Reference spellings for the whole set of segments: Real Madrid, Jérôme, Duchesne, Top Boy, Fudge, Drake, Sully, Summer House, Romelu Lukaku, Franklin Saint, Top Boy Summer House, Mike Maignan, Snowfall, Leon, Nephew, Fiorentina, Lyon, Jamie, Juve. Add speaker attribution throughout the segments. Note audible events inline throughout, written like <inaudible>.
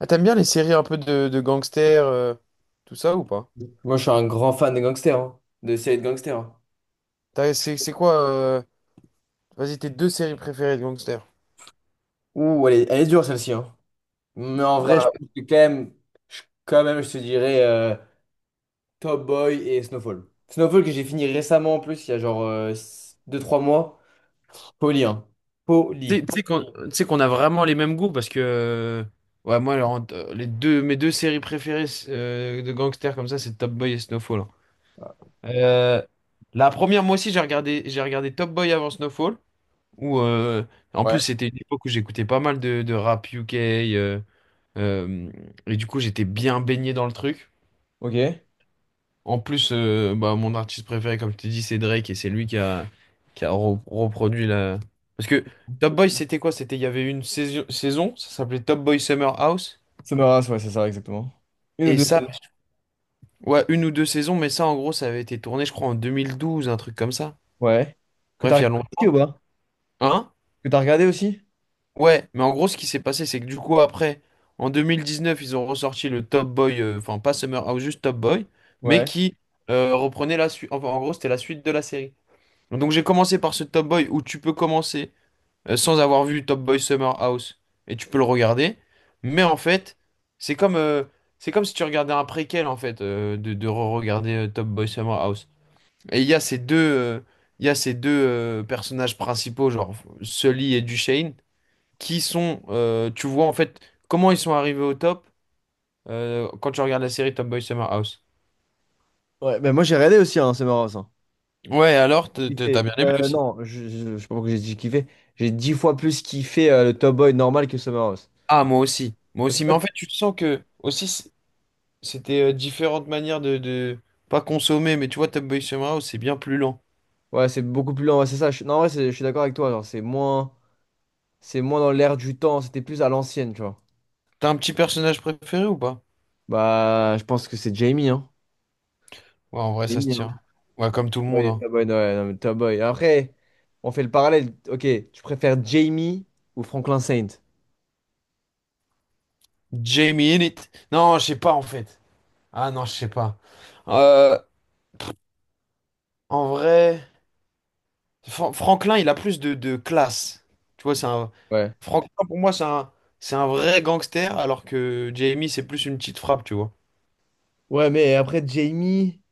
Speaker 1: Ah, t'aimes bien les séries un peu de gangsters, tout ça ou pas?
Speaker 2: Moi, je suis un grand fan de gangsters, hein, de séries de gangsters, hein.
Speaker 1: C'est quoi, vas-y, tes deux séries préférées de gangsters?
Speaker 2: Ouh, elle est dure celle-ci, hein. Mais en vrai, je
Speaker 1: Bah,
Speaker 2: pense que quand même, je te dirais Top Boy et Snowfall. Snowfall que j'ai fini récemment en plus, il y a genre deux trois mois. Poli, hein.
Speaker 1: Tu sais
Speaker 2: Poli.
Speaker 1: tu sais qu'on tu sais qu'on a vraiment les mêmes goûts parce que ouais moi alors, les deux mes deux séries préférées de gangsters comme ça c'est Top Boy et Snowfall, hein. Euh, la première moi aussi j'ai regardé Top Boy avant Snowfall où en plus c'était une époque où j'écoutais pas mal de rap UK euh, euh, et du coup j'étais bien baigné dans le truc.
Speaker 2: Ok.
Speaker 1: En plus, bah, mon artiste préféré, comme je t'ai dit, c'est Drake, et c'est lui qui a reproduit la... Parce que Top Boy, c'était quoi? C'était, il y avait une saison, ça s'appelait Top Boy Summer House,
Speaker 2: Summer House, ouais, c'est ça, exactement. Une ou
Speaker 1: et
Speaker 2: deux
Speaker 1: ça,
Speaker 2: saisons.
Speaker 1: ouais, une ou deux saisons, mais ça, en gros, ça avait été tourné, je crois, en 2012, un truc comme ça.
Speaker 2: Ouais. Que t'as
Speaker 1: Bref, il y a
Speaker 2: regardé aussi ou
Speaker 1: longtemps.
Speaker 2: pas?
Speaker 1: Hein?
Speaker 2: Que t'as regardé aussi?
Speaker 1: Ouais, mais en gros, ce qui s'est passé, c'est que du coup, après, en 2019, ils ont ressorti le Top Boy, enfin, pas Summer House, juste Top Boy, mais
Speaker 2: Ouais.
Speaker 1: qui reprenait la suite, enfin, en gros, c'était la suite de la série. Donc j'ai commencé par ce Top Boy où tu peux commencer sans avoir vu Top Boy Summer House et tu peux le regarder. Mais en fait, c'est comme, euh, c'est comme si tu regardais un préquel en fait de re-regarder Top Boy Summer House. Et il y a ces deux, il y a ces deux personnages principaux, genre Sully et Duchesne, qui sont, tu vois en fait comment ils sont arrivés au top quand tu regardes la série Top Boy Summer House.
Speaker 2: Ouais, ben moi j'ai regardé aussi, hein, Summer House, hein.
Speaker 1: Ouais, alors t'as
Speaker 2: Kiffé.
Speaker 1: bien aimé aussi.
Speaker 2: Non, je sais pas pourquoi j'ai dit kiffé. J'ai dix fois plus kiffé le Top Boy normal que Summer House.
Speaker 1: Ah, moi aussi. Moi
Speaker 2: Parce qu'en
Speaker 1: aussi. Mais en
Speaker 2: fait,
Speaker 1: fait, tu sens que aussi. C'était différentes manières de, pas consommer, mais tu vois, Top Boy Summer House, c'est bien plus lent.
Speaker 2: ouais, c'est beaucoup plus lent. Ouais, c'est ça. Non, en vrai, je suis d'accord avec toi. Genre, c'est moins dans l'air du temps. C'était plus à l'ancienne, tu vois.
Speaker 1: T'as un petit personnage préféré ou pas?
Speaker 2: Bah, je pense que c'est Jamie, hein.
Speaker 1: Ouais, en vrai, ça se
Speaker 2: Jamie,
Speaker 1: tient.
Speaker 2: hein.
Speaker 1: Ouais, comme tout le monde,
Speaker 2: Ouais,
Speaker 1: hein.
Speaker 2: Top Boy, ouais, non, mais Top Boy. Après, on fait le parallèle. Ok, tu préfères Jamie ou Franklin Saint?
Speaker 1: Jamie in it. Non, je sais pas en fait. Ah non, je sais pas. Euh, En vrai, Franklin, il a plus de classe. Tu vois, c'est un.
Speaker 2: Ouais.
Speaker 1: Franklin, pour moi, c'est un vrai gangster, alors que Jamie, c'est plus une petite frappe, tu vois.
Speaker 2: Ouais, mais après Jamie.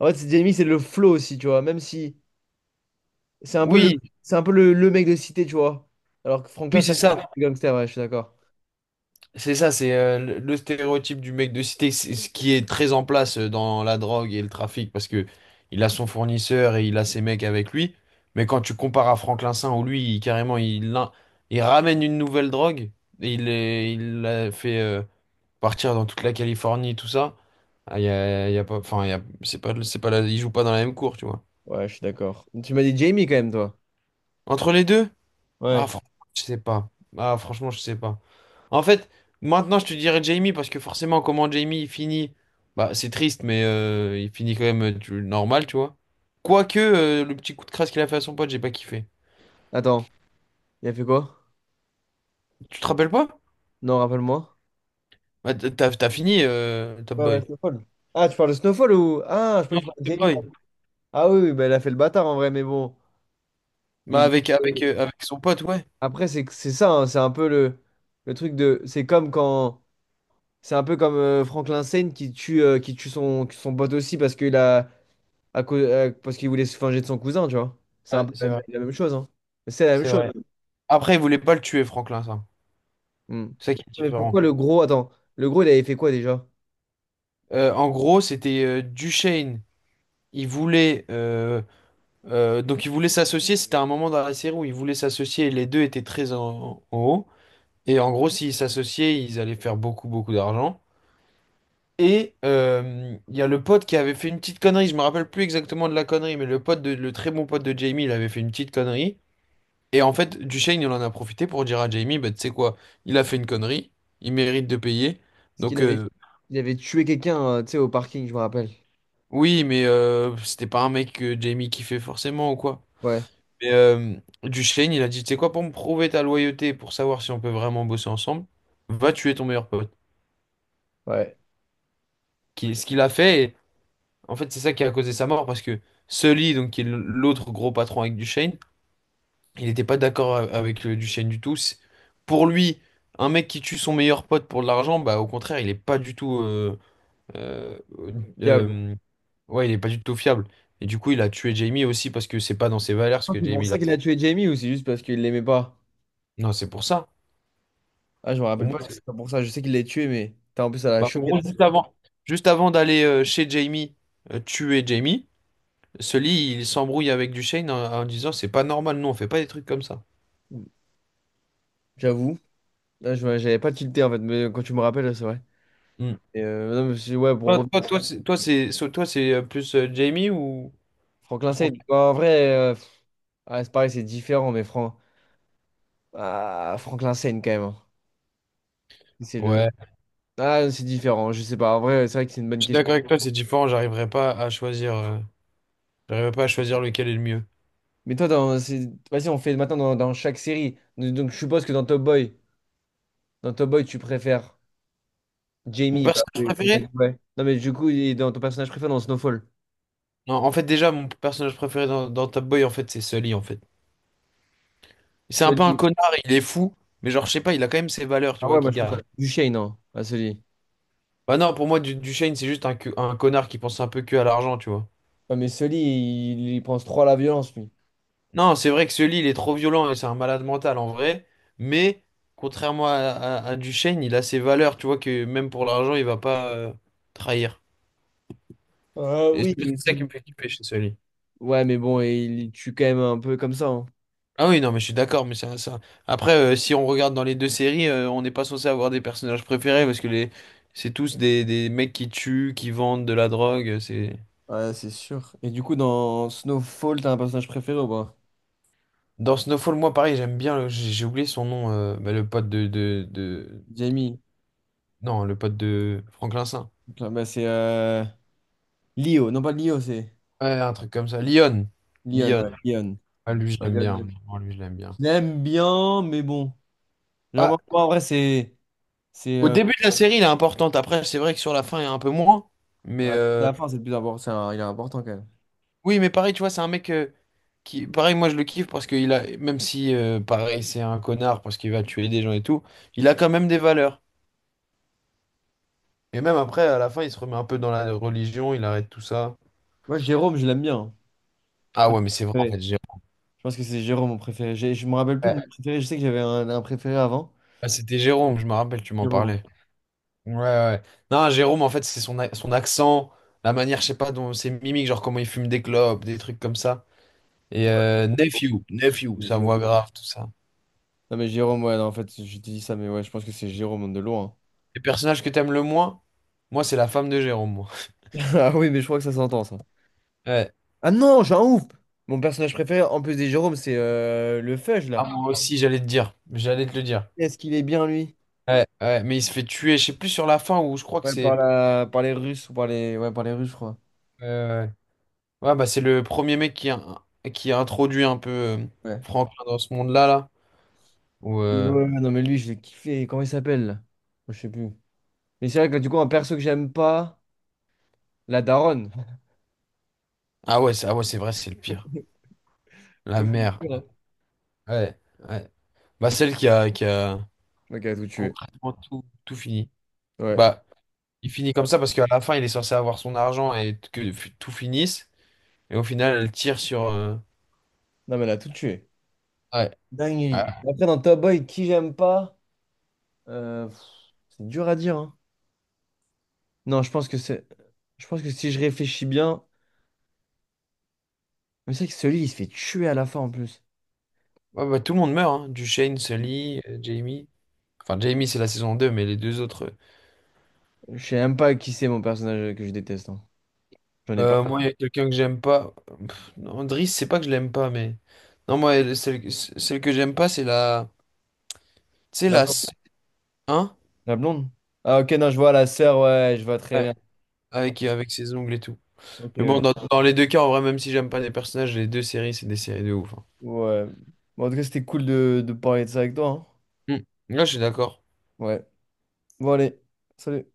Speaker 2: En fait, Jamie, c'est le flow aussi, tu vois. Même si c'est un peu le,
Speaker 1: Oui,
Speaker 2: c'est un peu le mec de cité, tu vois. Alors que Franklin,
Speaker 1: oui,
Speaker 2: c'est
Speaker 1: c'est
Speaker 2: un
Speaker 1: ça.
Speaker 2: gangster, ouais, je suis d'accord.
Speaker 1: C'est ça, c'est le stéréotype du mec de cité, c'est ce qui est très en place dans la drogue et le trafic, parce que il a son fournisseur et il a ses mecs avec lui. Mais quand tu compares à Franklin Saint, où lui, carrément, il, il ramène une nouvelle drogue, et il la fait partir dans toute la Californie, tout ça. Ah, il y a pas, enfin, c'est pas, il joue pas dans la même cour, tu vois.
Speaker 2: Ouais, je suis d'accord. Tu m'as dit Jamie quand même, toi.
Speaker 1: Entre les deux?
Speaker 2: Ouais.
Speaker 1: Ah, franchement, je sais pas. Ah, franchement, je sais pas. En fait, maintenant, je te dirais Jamie parce que forcément, comment Jamie il finit, bah, c'est triste, mais il finit quand même normal, tu vois. Quoique, le petit coup de crasse qu'il a fait à son pote, j'ai pas kiffé.
Speaker 2: Attends, il a fait quoi?
Speaker 1: Tu te rappelles pas?
Speaker 2: Non, rappelle-moi.
Speaker 1: Bah, t'as fini Top
Speaker 2: Ouais, ouais,
Speaker 1: Boy.
Speaker 2: Snowfall. Ah, tu parles de Snowfall ou. Ah, je crois que
Speaker 1: Non,
Speaker 2: tu parles de
Speaker 1: Top
Speaker 2: Jamie.
Speaker 1: Boy.
Speaker 2: Ah oui, oui, bah, il a fait le bâtard en vrai, mais bon.
Speaker 1: Bah,
Speaker 2: Il... et
Speaker 1: avec son pote, ouais.
Speaker 2: après, c'est ça, hein, c'est un peu le truc de. C'est comme quand. C'est un peu comme Franklin Saint qui tue son, son pote aussi parce qu'il a. À cause, parce qu'il voulait se venger de son cousin, tu vois. C'est un
Speaker 1: Ouais,
Speaker 2: peu
Speaker 1: c'est
Speaker 2: la,
Speaker 1: vrai,
Speaker 2: la même chose, hein. C'est la même
Speaker 1: c'est vrai.
Speaker 2: chose.
Speaker 1: Après, il voulait pas le tuer, Franklin, ça.
Speaker 2: Hmm.
Speaker 1: C'est ça qui est
Speaker 2: Mais pourquoi
Speaker 1: différent.
Speaker 2: le gros... Attends, le gros, il avait fait quoi déjà?
Speaker 1: En gros, c'était Duchesne. Il voulait. Donc ils voulaient s'associer, c'était un moment dans la série où ils voulaient s'associer et les deux étaient très en haut. Et en gros, s'ils s'associaient, ils allaient faire beaucoup d'argent. Et il y a le pote qui avait fait une petite connerie, je me rappelle plus exactement de la connerie, mais le pote le très bon pote de Jamie, il avait fait une petite connerie. Et en fait, Duchesne, il en a profité pour dire à Jamie, bah, tu sais quoi, il a fait une connerie, il mérite de payer.
Speaker 2: Parce qu'il
Speaker 1: Donc
Speaker 2: avait,
Speaker 1: euh,
Speaker 2: il avait tué quelqu'un, tu sais, au parking, je me rappelle.
Speaker 1: oui, mais c'était pas un mec que Jamie kiffait forcément ou quoi.
Speaker 2: Ouais,
Speaker 1: Mais Duchesne, il a dit, tu sais quoi, pour me prouver ta loyauté, pour savoir si on peut vraiment bosser ensemble, va tuer ton meilleur pote.
Speaker 2: ouais.
Speaker 1: Ce qu'il a fait, et en fait, c'est ça qui a causé sa mort, parce que Sully, donc, qui est l'autre gros patron avec Duchesne, il n'était pas d'accord avec Duchesne du tout. Pour lui, un mec qui tue son meilleur pote pour de l'argent, bah, au contraire, il est pas du tout... euh,
Speaker 2: Diable.
Speaker 1: euh, ouais, il est pas du tout fiable. Et du coup, il a tué Jamie aussi, parce que c'est pas dans ses valeurs ce
Speaker 2: Ah,
Speaker 1: que
Speaker 2: c'est pour
Speaker 1: Jamie l'a
Speaker 2: ça qu'il a
Speaker 1: fait.
Speaker 2: tué Jamie ou c'est juste parce qu'il l'aimait pas?
Speaker 1: Non, c'est pour ça.
Speaker 2: Ah, je me rappelle pas que c'était pour ça. Je sais qu'il l'a tué, mais... Putain, en plus, ça l'a
Speaker 1: Bah, en
Speaker 2: choqué, là.
Speaker 1: gros, juste avant d'aller chez Jamie, tuer Jamie, Sully, il s'embrouille avec Duchesne en disant c'est pas normal, nous on fait pas des trucs comme ça.
Speaker 2: J'avoue. Là, j'avais pas tilté, en fait, mais quand tu me rappelles, c'est vrai.
Speaker 1: Mm.
Speaker 2: Et, non, mais ouais, pour revenir sur
Speaker 1: Toi, c'est, plus Jamie ou
Speaker 2: Franklin Saint,
Speaker 1: Frank?
Speaker 2: bah, en vrai, ouais, c'est pareil, c'est différent, mais Fran... ah, Franklin Saint, quand même, hein. C'est le...
Speaker 1: Ouais.
Speaker 2: Ah, c'est différent, je sais pas. En vrai, c'est vrai que c'est une bonne
Speaker 1: Je suis
Speaker 2: question.
Speaker 1: d'accord avec toi, c'est différent, j'arriverai pas à choisir, j'arriverai pas à choisir lequel est le mieux.
Speaker 2: Mais toi, dans... vas-y, on fait maintenant dans, dans chaque série. Donc, je suppose que dans Top Boy, tu préfères
Speaker 1: Mon
Speaker 2: Jamie. Bah,
Speaker 1: personnage
Speaker 2: oui,
Speaker 1: préféré?
Speaker 2: complètement, ouais. Non, mais du coup, il est dans ton personnage préféré dans Snowfall.
Speaker 1: Non, en fait déjà mon personnage préféré dans Top Boy en fait c'est Sully en fait. C'est un peu un
Speaker 2: Sully.
Speaker 1: connard, il est fou, mais genre je sais pas, il a quand même ses valeurs, tu
Speaker 2: Ah
Speaker 1: vois,
Speaker 2: ouais, moi,
Speaker 1: qu'il
Speaker 2: je préfère
Speaker 1: garde.
Speaker 2: Duchesne, non, à Sully.
Speaker 1: Bah non, pour moi, Duchesne, c'est juste un, un connard qui pense un peu que à l'argent, tu vois.
Speaker 2: Non, mais Sully, il pense trop à la violence, lui.
Speaker 1: Non, c'est vrai que ce lit, il est trop violent et c'est un malade mental en vrai. Mais contrairement à Duchesne, il a ses valeurs, tu vois, que même pour l'argent, il va pas trahir.
Speaker 2: Ah
Speaker 1: Et
Speaker 2: oui.
Speaker 1: c'est ça qui me fait kiffer chez ce lit.
Speaker 2: Ouais, mais bon, et il tue quand même un peu comme ça, hein.
Speaker 1: Ah oui, non, mais je suis d'accord, mais ça... Après, si on regarde dans les deux séries, on n'est pas censé avoir des personnages préférés parce que les... c'est tous des mecs qui tuent, qui vendent de la drogue. C'est...
Speaker 2: Ouais, c'est sûr. Et du coup, dans Snowfall, t'as un personnage préféré ou pas?
Speaker 1: Dans Snowfall, moi, pareil, j'aime bien, j'ai oublié son nom, bah, le pote de,
Speaker 2: Jamie.
Speaker 1: non, le pote de Franklin Saint.
Speaker 2: Donc, bah, c'est Leo. Non, pas Leo, c'est
Speaker 1: Ouais, un truc comme ça. Lyon.
Speaker 2: Leon.
Speaker 1: Lyon.
Speaker 2: Ouais, Leon.
Speaker 1: Ah, lui, je
Speaker 2: Ouais,
Speaker 1: l'aime
Speaker 2: Lyon,
Speaker 1: bien.
Speaker 2: Lyon.
Speaker 1: Vraiment, lui, je l'aime bien.
Speaker 2: Je l'aime bien, mais bon.
Speaker 1: Ah,
Speaker 2: Vraiment, en vrai, c'est. C'est.
Speaker 1: au début de la série, il est importante. Après, c'est vrai que sur la fin, il est un peu moins. Mais
Speaker 2: Bah, tout à la fin, c'est le plus important. Il est important quand même.
Speaker 1: oui, mais pareil, tu vois, c'est un mec qui. Pareil, moi, je le kiffe parce qu'il a. Même si, pareil, c'est un connard parce qu'il va tuer des gens et tout, il a quand même des valeurs. Et même après, à la fin, il se remet un peu dans la religion, il arrête tout ça.
Speaker 2: Moi, Jérôme, je l'aime bien.
Speaker 1: Ah
Speaker 2: Ouais.
Speaker 1: ouais, mais c'est vrai, en fait,
Speaker 2: Ouais.
Speaker 1: Jérôme.
Speaker 2: Je pense que c'est Jérôme mon préféré. Je me rappelle plus de
Speaker 1: Ouais.
Speaker 2: mes préférés. Je sais que j'avais un préféré avant.
Speaker 1: Ah, c'était Jérôme, je me rappelle, tu m'en
Speaker 2: Jérôme.
Speaker 1: parlais. Ouais, ouais. Non, Jérôme, en fait, c'est son, son accent, la manière, je sais pas, dont ses mimiques, genre comment il fume des clopes, des trucs comme ça. Et
Speaker 2: Qui-
Speaker 1: Nephew, sa voix grave, tout ça.
Speaker 2: Non mais Jérôme, ouais, non, en fait, je te dis ça, mais ouais, je pense que c'est Jérôme de loin.
Speaker 1: Les personnages que t'aimes le moins, moi, c'est la femme de Jérôme, moi.
Speaker 2: <laughs> Ah oui, mais je crois que ça s'entend, ça.
Speaker 1: Ouais.
Speaker 2: Ah non, j'ai un ouf! Mon personnage préféré, en plus des Jérômes, c'est le Fudge,
Speaker 1: Ah,
Speaker 2: là.
Speaker 1: moi aussi, j'allais te dire. J'allais te le dire.
Speaker 2: Est-ce qu'il est bien, lui?
Speaker 1: Ouais, ouais, mais il se fait tuer, je sais plus sur la fin où je crois que
Speaker 2: Ouais, par
Speaker 1: c'est.
Speaker 2: la... par les Russes ou par les... Ouais, par les Russes, je crois.
Speaker 1: euh, ouais, bah, c'est le premier mec qui a introduit un peu
Speaker 2: Ouais.
Speaker 1: Franklin dans ce monde-là, là. Où,
Speaker 2: Ouais, ouais, non, mais lui, je l'ai kiffé. Comment il s'appelle, là? Je sais plus. Mais c'est vrai que du coup, un perso que j'aime pas, la daronne.
Speaker 1: ah ouais, c'est ah ouais, c'est vrai, c'est le pire. La mère.
Speaker 2: <laughs>
Speaker 1: Ouais. Ouais. Bah, celle qui a
Speaker 2: Ok, elle a tout tué.
Speaker 1: concrètement tout fini.
Speaker 2: Ouais.
Speaker 1: Bah, il finit comme ça parce qu'à la fin, il est censé avoir son argent et que tout finisse. Et au final, elle tire sur.
Speaker 2: Non, mais elle a tout tué.
Speaker 1: Ouais. Ouais.
Speaker 2: Dinguerie. Après, dans Top Boy, qui j'aime pas? Euh, pff, c'est dur à dire, hein. Non, je pense que c'est. Je pense que si je réfléchis bien. Mais c'est vrai que celui, il se fait tuer à la fin en plus.
Speaker 1: Ouais, bah, tout le monde meurt, hein. Dushane, Sully, Jamie. Enfin, Jamie, c'est la saison 2 mais les deux autres.
Speaker 2: Je sais même pas qui c'est mon personnage que je déteste, hein. J'en ai pas.
Speaker 1: Moi, il y a quelqu'un que j'aime pas. Pff, non, Driss, c'est pas que je l'aime pas, mais. Non, moi, celle que j'aime pas, c'est la. c'est
Speaker 2: La
Speaker 1: la.
Speaker 2: blonde.
Speaker 1: s- Hein?
Speaker 2: La blonde? Ah, ok, non, je vois la sœur, ouais, je vois très
Speaker 1: Ouais.
Speaker 2: bien.
Speaker 1: Avec, ses ongles et tout.
Speaker 2: Ok,
Speaker 1: Mais bon,
Speaker 2: ouais.
Speaker 1: dans les deux cas, en vrai, même si j'aime pas les personnages, les deux séries, c'est des séries de ouf, hein.
Speaker 2: Ouais. Bon, en tout cas, c'était cool de parler de ça avec toi, hein.
Speaker 1: Mm. Là, je suis d'accord.
Speaker 2: Ouais. Bon, allez. Salut.